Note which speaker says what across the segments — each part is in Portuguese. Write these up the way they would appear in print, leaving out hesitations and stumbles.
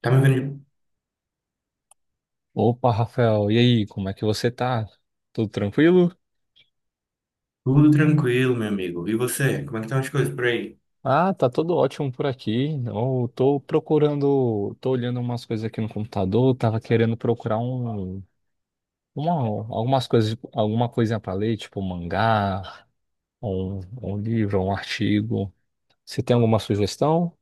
Speaker 1: Tá me vendo de-
Speaker 2: Opa, Rafael, e aí, como é que você tá? Tudo tranquilo?
Speaker 1: Tudo tranquilo, meu amigo. E você? Como é que estão as coisas por aí?
Speaker 2: Ah, tá tudo ótimo por aqui. Eu tô procurando, tô olhando umas coisas aqui no computador, tava querendo procurar uma, algumas coisas, alguma coisinha pra ler, tipo um mangá, um livro, um artigo. Você tem alguma sugestão?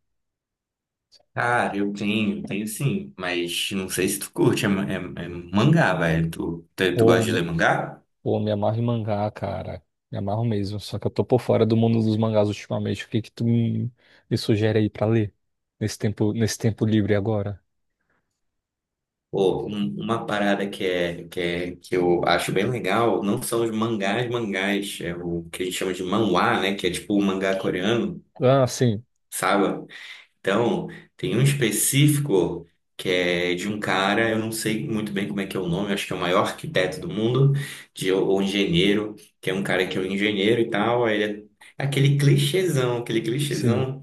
Speaker 1: Cara, eu tenho sim, mas não sei se tu curte, é mangá, velho. Tu gosta
Speaker 2: Ou
Speaker 1: de ler
Speaker 2: me,
Speaker 1: mangá?
Speaker 2: ou me amarro em mangá, cara. Me amarro mesmo, só que eu tô por fora do mundo dos mangás ultimamente. O que que tu me sugere aí pra ler nesse tempo livre agora?
Speaker 1: Pô, uma parada que eu acho bem legal não são os mangás, é o que a gente chama de manhwa, né? Que é tipo o mangá coreano,
Speaker 2: Ah, sim,
Speaker 1: sabe? Então, tem um específico que é de um cara, eu não sei muito bem como é que é o nome, acho que é o maior arquiteto do mundo, de, ou engenheiro, que é um cara que é um engenheiro e tal, aí ele é aquele
Speaker 2: sim,
Speaker 1: clichêzão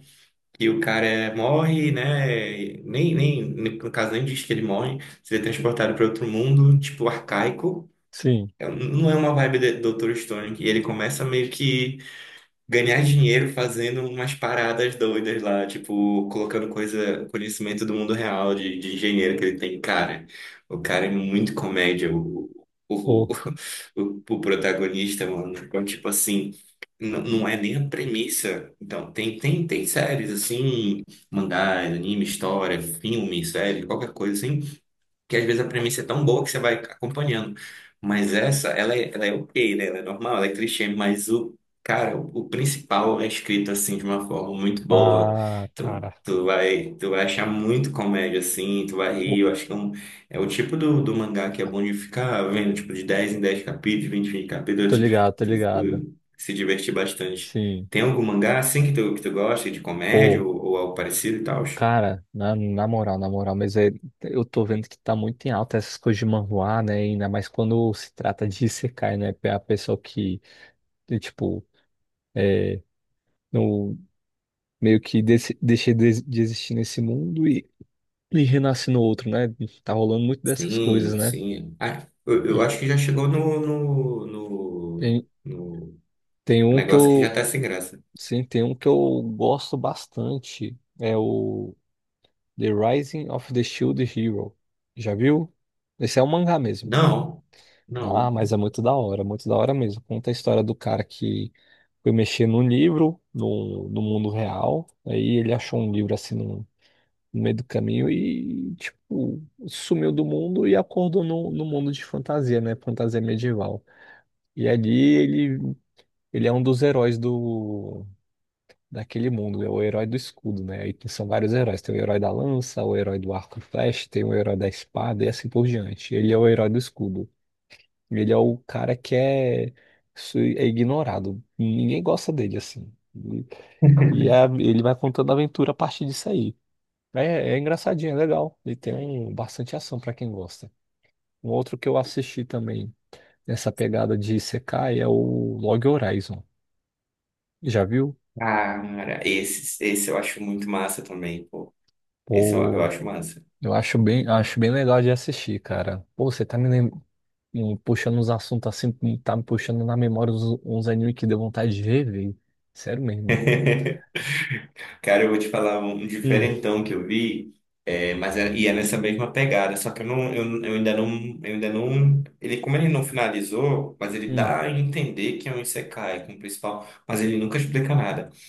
Speaker 1: que o cara morre, né? Nem, nem, No caso nem diz que ele morre, seria transportado para outro mundo, tipo arcaico.
Speaker 2: sim.
Speaker 1: É, não é uma vibe de Dr. Stone, que ele começa meio que ganhar dinheiro fazendo umas paradas doidas lá, tipo, colocando coisa, conhecimento do mundo real de engenheiro que ele tem. Cara, o cara é muito comédia, o,
Speaker 2: Pô,
Speaker 1: o protagonista, mano. Então, tipo assim, não é nem a premissa. Então, tem séries assim, mangás, anime, história, filme, série, qualquer coisa assim que às vezes a premissa é tão boa que você vai acompanhando. Mas essa, ela é ok, né? Ela é normal, ela é clichê, mas cara, o principal é escrito assim de uma forma muito boa.
Speaker 2: ah, cara.
Speaker 1: Tu vai achar muito comédia assim, tu vai rir.
Speaker 2: Pô,
Speaker 1: Eu acho que é é o tipo do mangá que é bom de ficar vendo, tipo, de 10 em 10 capítulos, 20 em 20
Speaker 2: tô
Speaker 1: capítulos,
Speaker 2: ligado, tô ligado.
Speaker 1: tu se divertir bastante.
Speaker 2: Sim.
Speaker 1: Tem algum mangá assim que tu gosta de comédia
Speaker 2: Pô,
Speaker 1: ou algo parecido e tal?
Speaker 2: cara, na moral, eu tô vendo que tá muito em alta essas coisas de manhwa, né? Ainda mais quando se trata de isekai, né? A pessoa que, de, tipo, é, no, meio que desse, de existir nesse mundo e renasce no outro, né? Tá rolando muito dessas coisas,
Speaker 1: Sim,
Speaker 2: né?
Speaker 1: sim. Ah, eu acho que já chegou
Speaker 2: Tem,
Speaker 1: no
Speaker 2: tem um que
Speaker 1: negócio que já
Speaker 2: eu.
Speaker 1: tá sem graça.
Speaker 2: Sim, tem um que eu gosto bastante. É o The Rising of the Shield Hero. Já viu? Esse é um mangá mesmo.
Speaker 1: Não,
Speaker 2: Ah,
Speaker 1: não.
Speaker 2: mas é muito da hora mesmo. Conta a história do cara que foi mexer no, no mundo real. Aí ele achou um livro assim no meio do caminho e, tipo, sumiu do mundo e acordou no mundo de fantasia, né? Fantasia medieval. E ali ele, ele é um dos heróis do daquele mundo, é o herói do escudo, né? Aí são vários heróis, tem o herói da lança, o herói do arco e flecha, tem o herói da espada e assim por diante. Ele é o herói do escudo. Ele é o cara que é, su- é ignorado. Ninguém gosta dele assim. E, ele vai contando a aventura a partir disso aí. É, é engraçadinho, é legal. Ele tem bastante ação pra quem gosta. Um outro que eu assisti também nessa pegada de Isekai é o Log Horizon. Já viu?
Speaker 1: Ah, cara, esse eu acho muito massa também, pô. Esse eu acho massa.
Speaker 2: Eu acho bem legal de assistir, cara. Pô, você tá me, lem- me puxando uns assuntos assim, tá me puxando na memória uns animes que deu vontade de ver, velho. Sério mesmo.
Speaker 1: Cara, eu vou te falar um um
Speaker 2: Hum.
Speaker 1: diferentão que eu vi, é nessa mesma pegada, só que eu ainda não, ele como ele não finalizou, mas ele
Speaker 2: Hum,
Speaker 1: dá a entender que é um isekai como principal, mas ele nunca explica nada.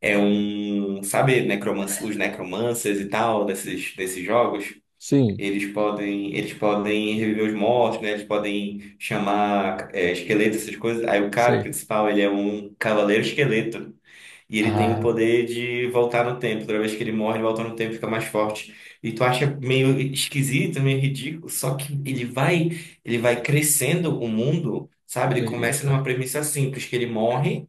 Speaker 1: É, é um, sabe, os necromancers e tal desses jogos,
Speaker 2: sim,
Speaker 1: eles podem reviver os mortos, né? Eles podem chamar é, esqueletos, essas coisas. Aí o cara
Speaker 2: sei.
Speaker 1: principal, ele é um cavaleiro esqueleto. E ele tem o
Speaker 2: Ah,
Speaker 1: poder de voltar no tempo. Toda vez que ele morre, ele volta no tempo e fica mais forte. E tu acha meio esquisito, meio ridículo, só que ele vai crescendo o mundo, sabe? Ele começa
Speaker 2: eita.
Speaker 1: numa premissa simples, que ele morre,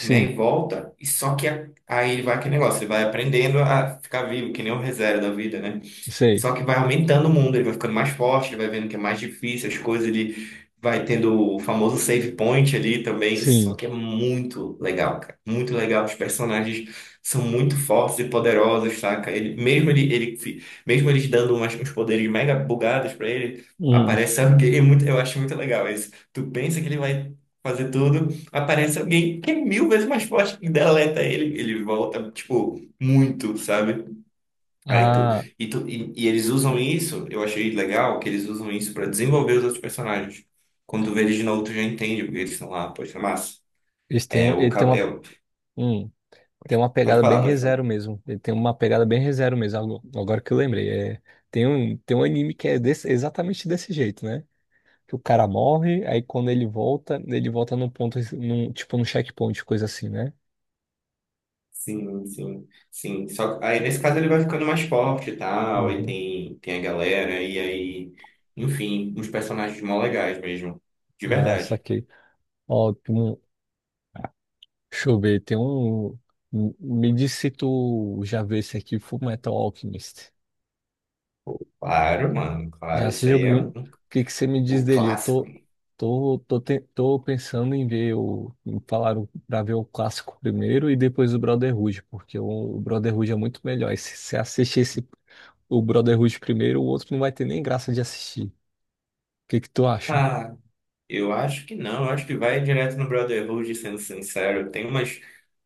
Speaker 1: né, e volta, e só que aí ele vai aquele negócio, ele vai aprendendo a ficar vivo, que nem o reserva da vida, né?
Speaker 2: sei.
Speaker 1: Só que vai aumentando o mundo, ele vai ficando mais forte, ele vai vendo que é mais difícil, as coisas, ele vai tendo o famoso save point ali também. Só
Speaker 2: Sim.
Speaker 1: que é muito legal, cara. Muito legal. Os personagens são muito fortes e poderosos, saca? Ele, mesmo ele, ele, fi- Mesmo eles dando umas, uns poderes mega bugados pra ele,
Speaker 2: Hum.
Speaker 1: aparece alguém. É muito, eu acho muito legal isso. Tu pensa que ele vai fazer tudo, aparece alguém que é mil vezes mais forte e deleta ele. Ele volta, tipo, muito, sabe? Aí tu,
Speaker 2: Ah,
Speaker 1: e, tu, e, E eles usam isso, eu achei legal que eles usam isso pra desenvolver os outros personagens. Quando tu vê eles de novo, tu já entende porque eles estão lá, pode ser massa. É o
Speaker 2: ele
Speaker 1: ca- é, o-
Speaker 2: hum, tem uma
Speaker 1: Pode
Speaker 2: pegada bem
Speaker 1: falar, pode falar.
Speaker 2: ReZero mesmo. Ele tem uma pegada bem ReZero mesmo. Agora que eu lembrei, é, tem um anime que é exatamente desse jeito, né? Que o cara morre, aí quando ele volta num ponto, num, tipo num checkpoint, coisa assim, né?
Speaker 1: Sim, sim, sim. Só que aí nesse caso ele vai ficando mais forte e tal, e
Speaker 2: Uhum.
Speaker 1: tem a galera, e aí, enfim, uns personagens mó legais mesmo. De
Speaker 2: Ah,
Speaker 1: verdade.
Speaker 2: saquei. Ó, tem um- deixa eu ver, tem um. Um, me diz se tu já vê esse aqui, Full Metal Alchemist.
Speaker 1: Claro, mano,
Speaker 2: Já
Speaker 1: claro,
Speaker 2: se jogou. O que que você me diz
Speaker 1: o
Speaker 2: dele? Eu
Speaker 1: clássico.
Speaker 2: tô, tô, tô, te- tô pensando em ver o. Falaram pra ver o clássico primeiro e depois o Brotherhood, porque o Brotherhood é muito melhor. E se você assistir esse, o Brotherhood primeiro, o outro não vai ter nem graça de assistir. Que tu acha?
Speaker 1: Ah, eu acho que não, eu acho que vai direto no Brotherhood, sendo sincero. Tem umas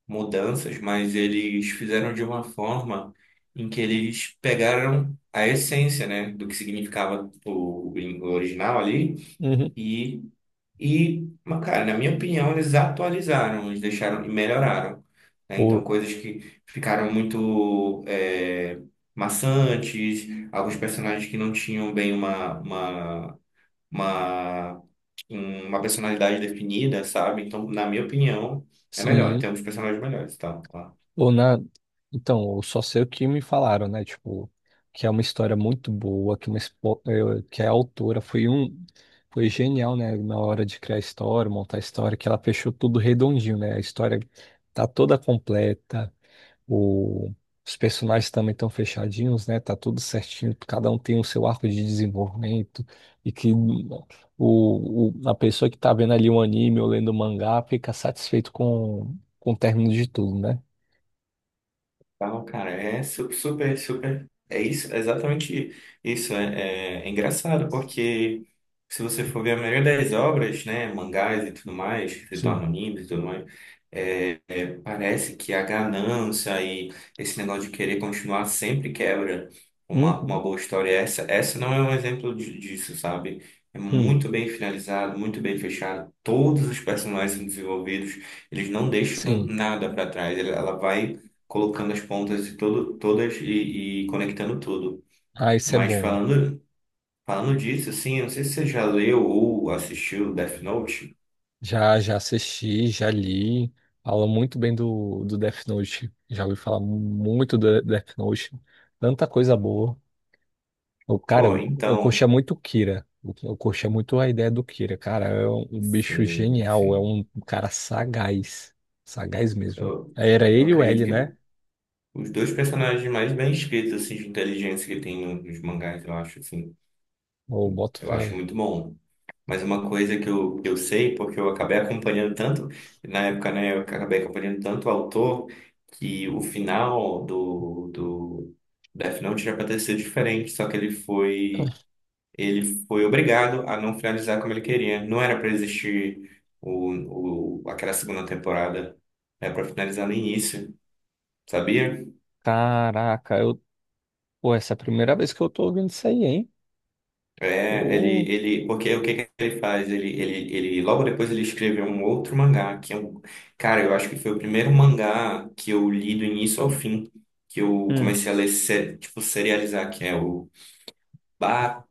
Speaker 1: mudanças, mas eles fizeram de uma forma em que eles pegaram a essência, né, do que significava o gringo original ali
Speaker 2: Uhum.
Speaker 1: e e, mas, cara, na minha opinião, eles atualizaram, eles deixaram e melhoraram, né? Então
Speaker 2: Ou
Speaker 1: coisas que ficaram muito é, maçantes, alguns personagens que não tinham bem Uma, uma personalidade definida, sabe? Então, na minha opinião, é melhor.
Speaker 2: sim,
Speaker 1: Temos personagens melhores, tá?
Speaker 2: ou na então, eu só sei o que me falaram, né? Tipo, que é uma história muito boa, que que a autora foi genial, né, na hora de criar a história, montar a história, que ela fechou tudo redondinho, né? A história tá toda completa, O- os personagens também estão fechadinhos, né? Tá tudo certinho, cada um tem o seu arco de desenvolvimento e que a pessoa que tá vendo ali um anime ou lendo o mangá fica satisfeito com o término de tudo, né?
Speaker 1: Tal, cara, super, super. É isso, é exatamente isso. É engraçado, porque se você for ver a maioria das obras, né, mangás e tudo mais, que se tornam
Speaker 2: Sim.
Speaker 1: animes e tudo mais. Parece que a ganância e esse negócio de querer continuar sempre quebra uma
Speaker 2: Uhum.
Speaker 1: boa história. Essa não é um exemplo disso, sabe? É
Speaker 2: Hum.
Speaker 1: muito bem finalizado, muito bem fechado. Todos os personagens desenvolvidos, eles não deixam
Speaker 2: Sim.
Speaker 1: nada para trás. Ela vai colocando as pontas de todas e conectando tudo.
Speaker 2: Ah, isso é
Speaker 1: Mas
Speaker 2: bom.
Speaker 1: falando disso, assim, eu não sei se você já leu ou assistiu Death Note.
Speaker 2: Já, já assisti, já li. Fala muito bem do, do Death Note. Já ouvi falar muito do Death Note. Tanta coisa boa. O cara,
Speaker 1: Pô,
Speaker 2: eu
Speaker 1: então,
Speaker 2: curtia muito o Kira. Eu curtia muito a ideia do Kira. Cara, é um bicho
Speaker 1: sim,
Speaker 2: genial. É
Speaker 1: sim.
Speaker 2: um cara sagaz. Sagaz mesmo.
Speaker 1: Eu-
Speaker 2: Aí era
Speaker 1: eu
Speaker 2: ele e o
Speaker 1: acredito
Speaker 2: L, né?
Speaker 1: que os dois personagens mais bem escritos, assim, de inteligência que tem nos mangás, eu acho, assim,
Speaker 2: O boto
Speaker 1: eu acho
Speaker 2: fé.
Speaker 1: muito bom. Mas uma coisa que eu sei, porque eu acabei acompanhando tanto, na época, né, eu acabei acompanhando tanto o autor, que o final do Death Note era pra ter sido diferente, só que ele foi obrigado a não finalizar como ele queria. Não era pra existir aquela segunda temporada, era pra finalizar no início, sabia?
Speaker 2: Caraca, eu. Pô, essa é a primeira vez que eu tô ouvindo isso aí, hein?
Speaker 1: É,
Speaker 2: Pô.
Speaker 1: porque o que que ele faz? Ele, logo depois ele escreveu um outro mangá, que é um, cara, eu acho que foi o primeiro mangá que eu li do início ao fim, que eu
Speaker 2: Hum,
Speaker 1: comecei a ler, tipo, serializar, que é o ba,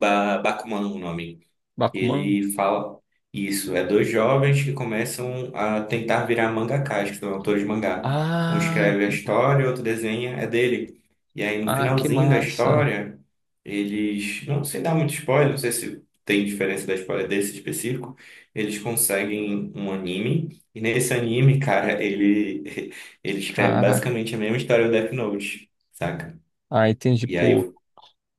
Speaker 1: Bakuman, o nome.
Speaker 2: Bakuman.
Speaker 1: Ele fala isso, é dois jovens que começam a tentar virar mangakás, que são autores de mangá. Um
Speaker 2: Ah,
Speaker 1: escreve a história, outro desenha, é dele. E aí no
Speaker 2: ah, que
Speaker 1: finalzinho da
Speaker 2: massa.
Speaker 1: história, eles, não sei dar muito spoiler, não sei se tem diferença da história desse específico, eles conseguem um anime, e nesse anime, cara, ele ele escreve
Speaker 2: Caraca.
Speaker 1: basicamente a mesma história do Death Note, saca?
Speaker 2: Ah, entendi.
Speaker 1: E aí
Speaker 2: Pô,
Speaker 1: o-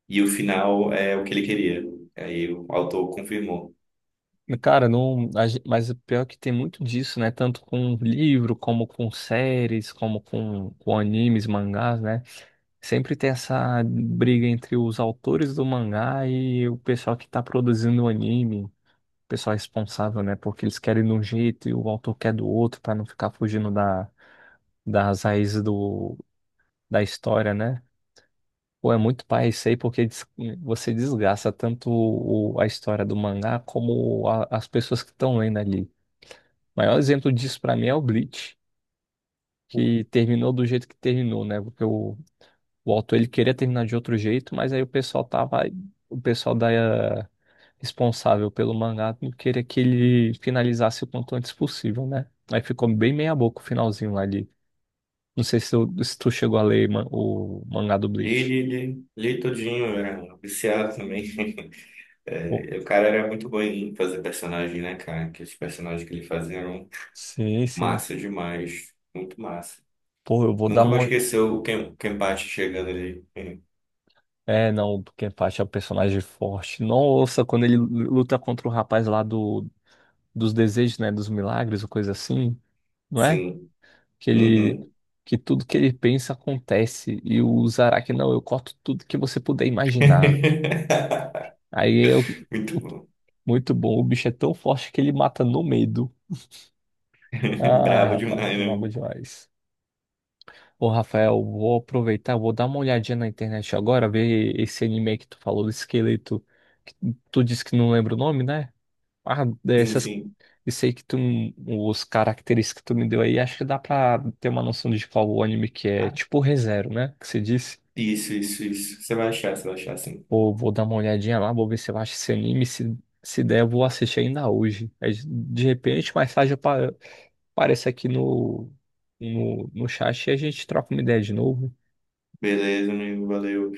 Speaker 1: e o final é o que ele queria. Aí o autor confirmou.
Speaker 2: cara, não, mas o pior é que tem muito disso, né? Tanto com livro, como com séries, como com animes, mangás, né? Sempre tem essa briga entre os autores do mangá e o pessoal que tá produzindo o anime, o pessoal responsável, né? Porque eles querem de um jeito e o autor quer do outro pra não ficar fugindo da, das raízes do, da história, né? Pô, é muito pai isso aí, porque você desgasta tanto a história do mangá como as pessoas que estão lendo ali. O maior exemplo disso pra mim é o Bleach, que terminou do jeito que terminou, né? Porque o autor ele queria terminar de outro jeito, mas aí o pessoal da responsável pelo mangá não queria que ele finalizasse o quanto antes possível, né? Aí ficou bem meia boca o finalzinho lá de. Não sei se tu chegou a ler o mangá do
Speaker 1: Li,
Speaker 2: Bleach.
Speaker 1: li, li, li tudinho, eu era viciado também.
Speaker 2: Pô,
Speaker 1: É, e o cara era muito bom em fazer personagem, né, cara? Que os personagens que ele fazia eram
Speaker 2: sim, sim.
Speaker 1: massa demais, muito massa.
Speaker 2: Pô, eu vou dar
Speaker 1: Nunca vou
Speaker 2: uma.
Speaker 1: esquecer o Kenpachi chegando ali.
Speaker 2: É, não, porque Kenpachi é um personagem forte. Nossa, quando ele luta contra o rapaz dos desejos, né, dos milagres ou coisa assim, não é?
Speaker 1: Sim.
Speaker 2: Que ele
Speaker 1: Uhum.
Speaker 2: que tudo que ele pensa acontece e o Zaraki, não, eu corto tudo que você puder imaginar. Aí eu
Speaker 1: Muito
Speaker 2: o-
Speaker 1: bom.
Speaker 2: muito bom, o bicho é tão forte que ele mata no medo. Ai,
Speaker 1: Brabo
Speaker 2: rapaz,
Speaker 1: demais,
Speaker 2: brabo
Speaker 1: né?
Speaker 2: demais. Ô, Rafael, vou aproveitar, vou dar uma olhadinha na internet agora, ver esse anime que tu falou do esqueleto. Que Tu disse que não lembra o nome, né? Ah,
Speaker 1: Sim,
Speaker 2: dessas,
Speaker 1: sim.
Speaker 2: isso aí que tu, os características que tu me deu aí, acho que dá pra ter uma noção de qual o anime que é,
Speaker 1: Ah,
Speaker 2: tipo ReZero, né? Que você disse,
Speaker 1: isso. Você vai achar, sim.
Speaker 2: vou, vou dar uma olhadinha lá, vou ver se eu acho esse anime, se der, eu vou assistir ainda hoje. Aí, de repente, mais tarde eu pa- apareço aqui no chat e a gente troca uma ideia de novo.
Speaker 1: Beleza, amigo, valeu.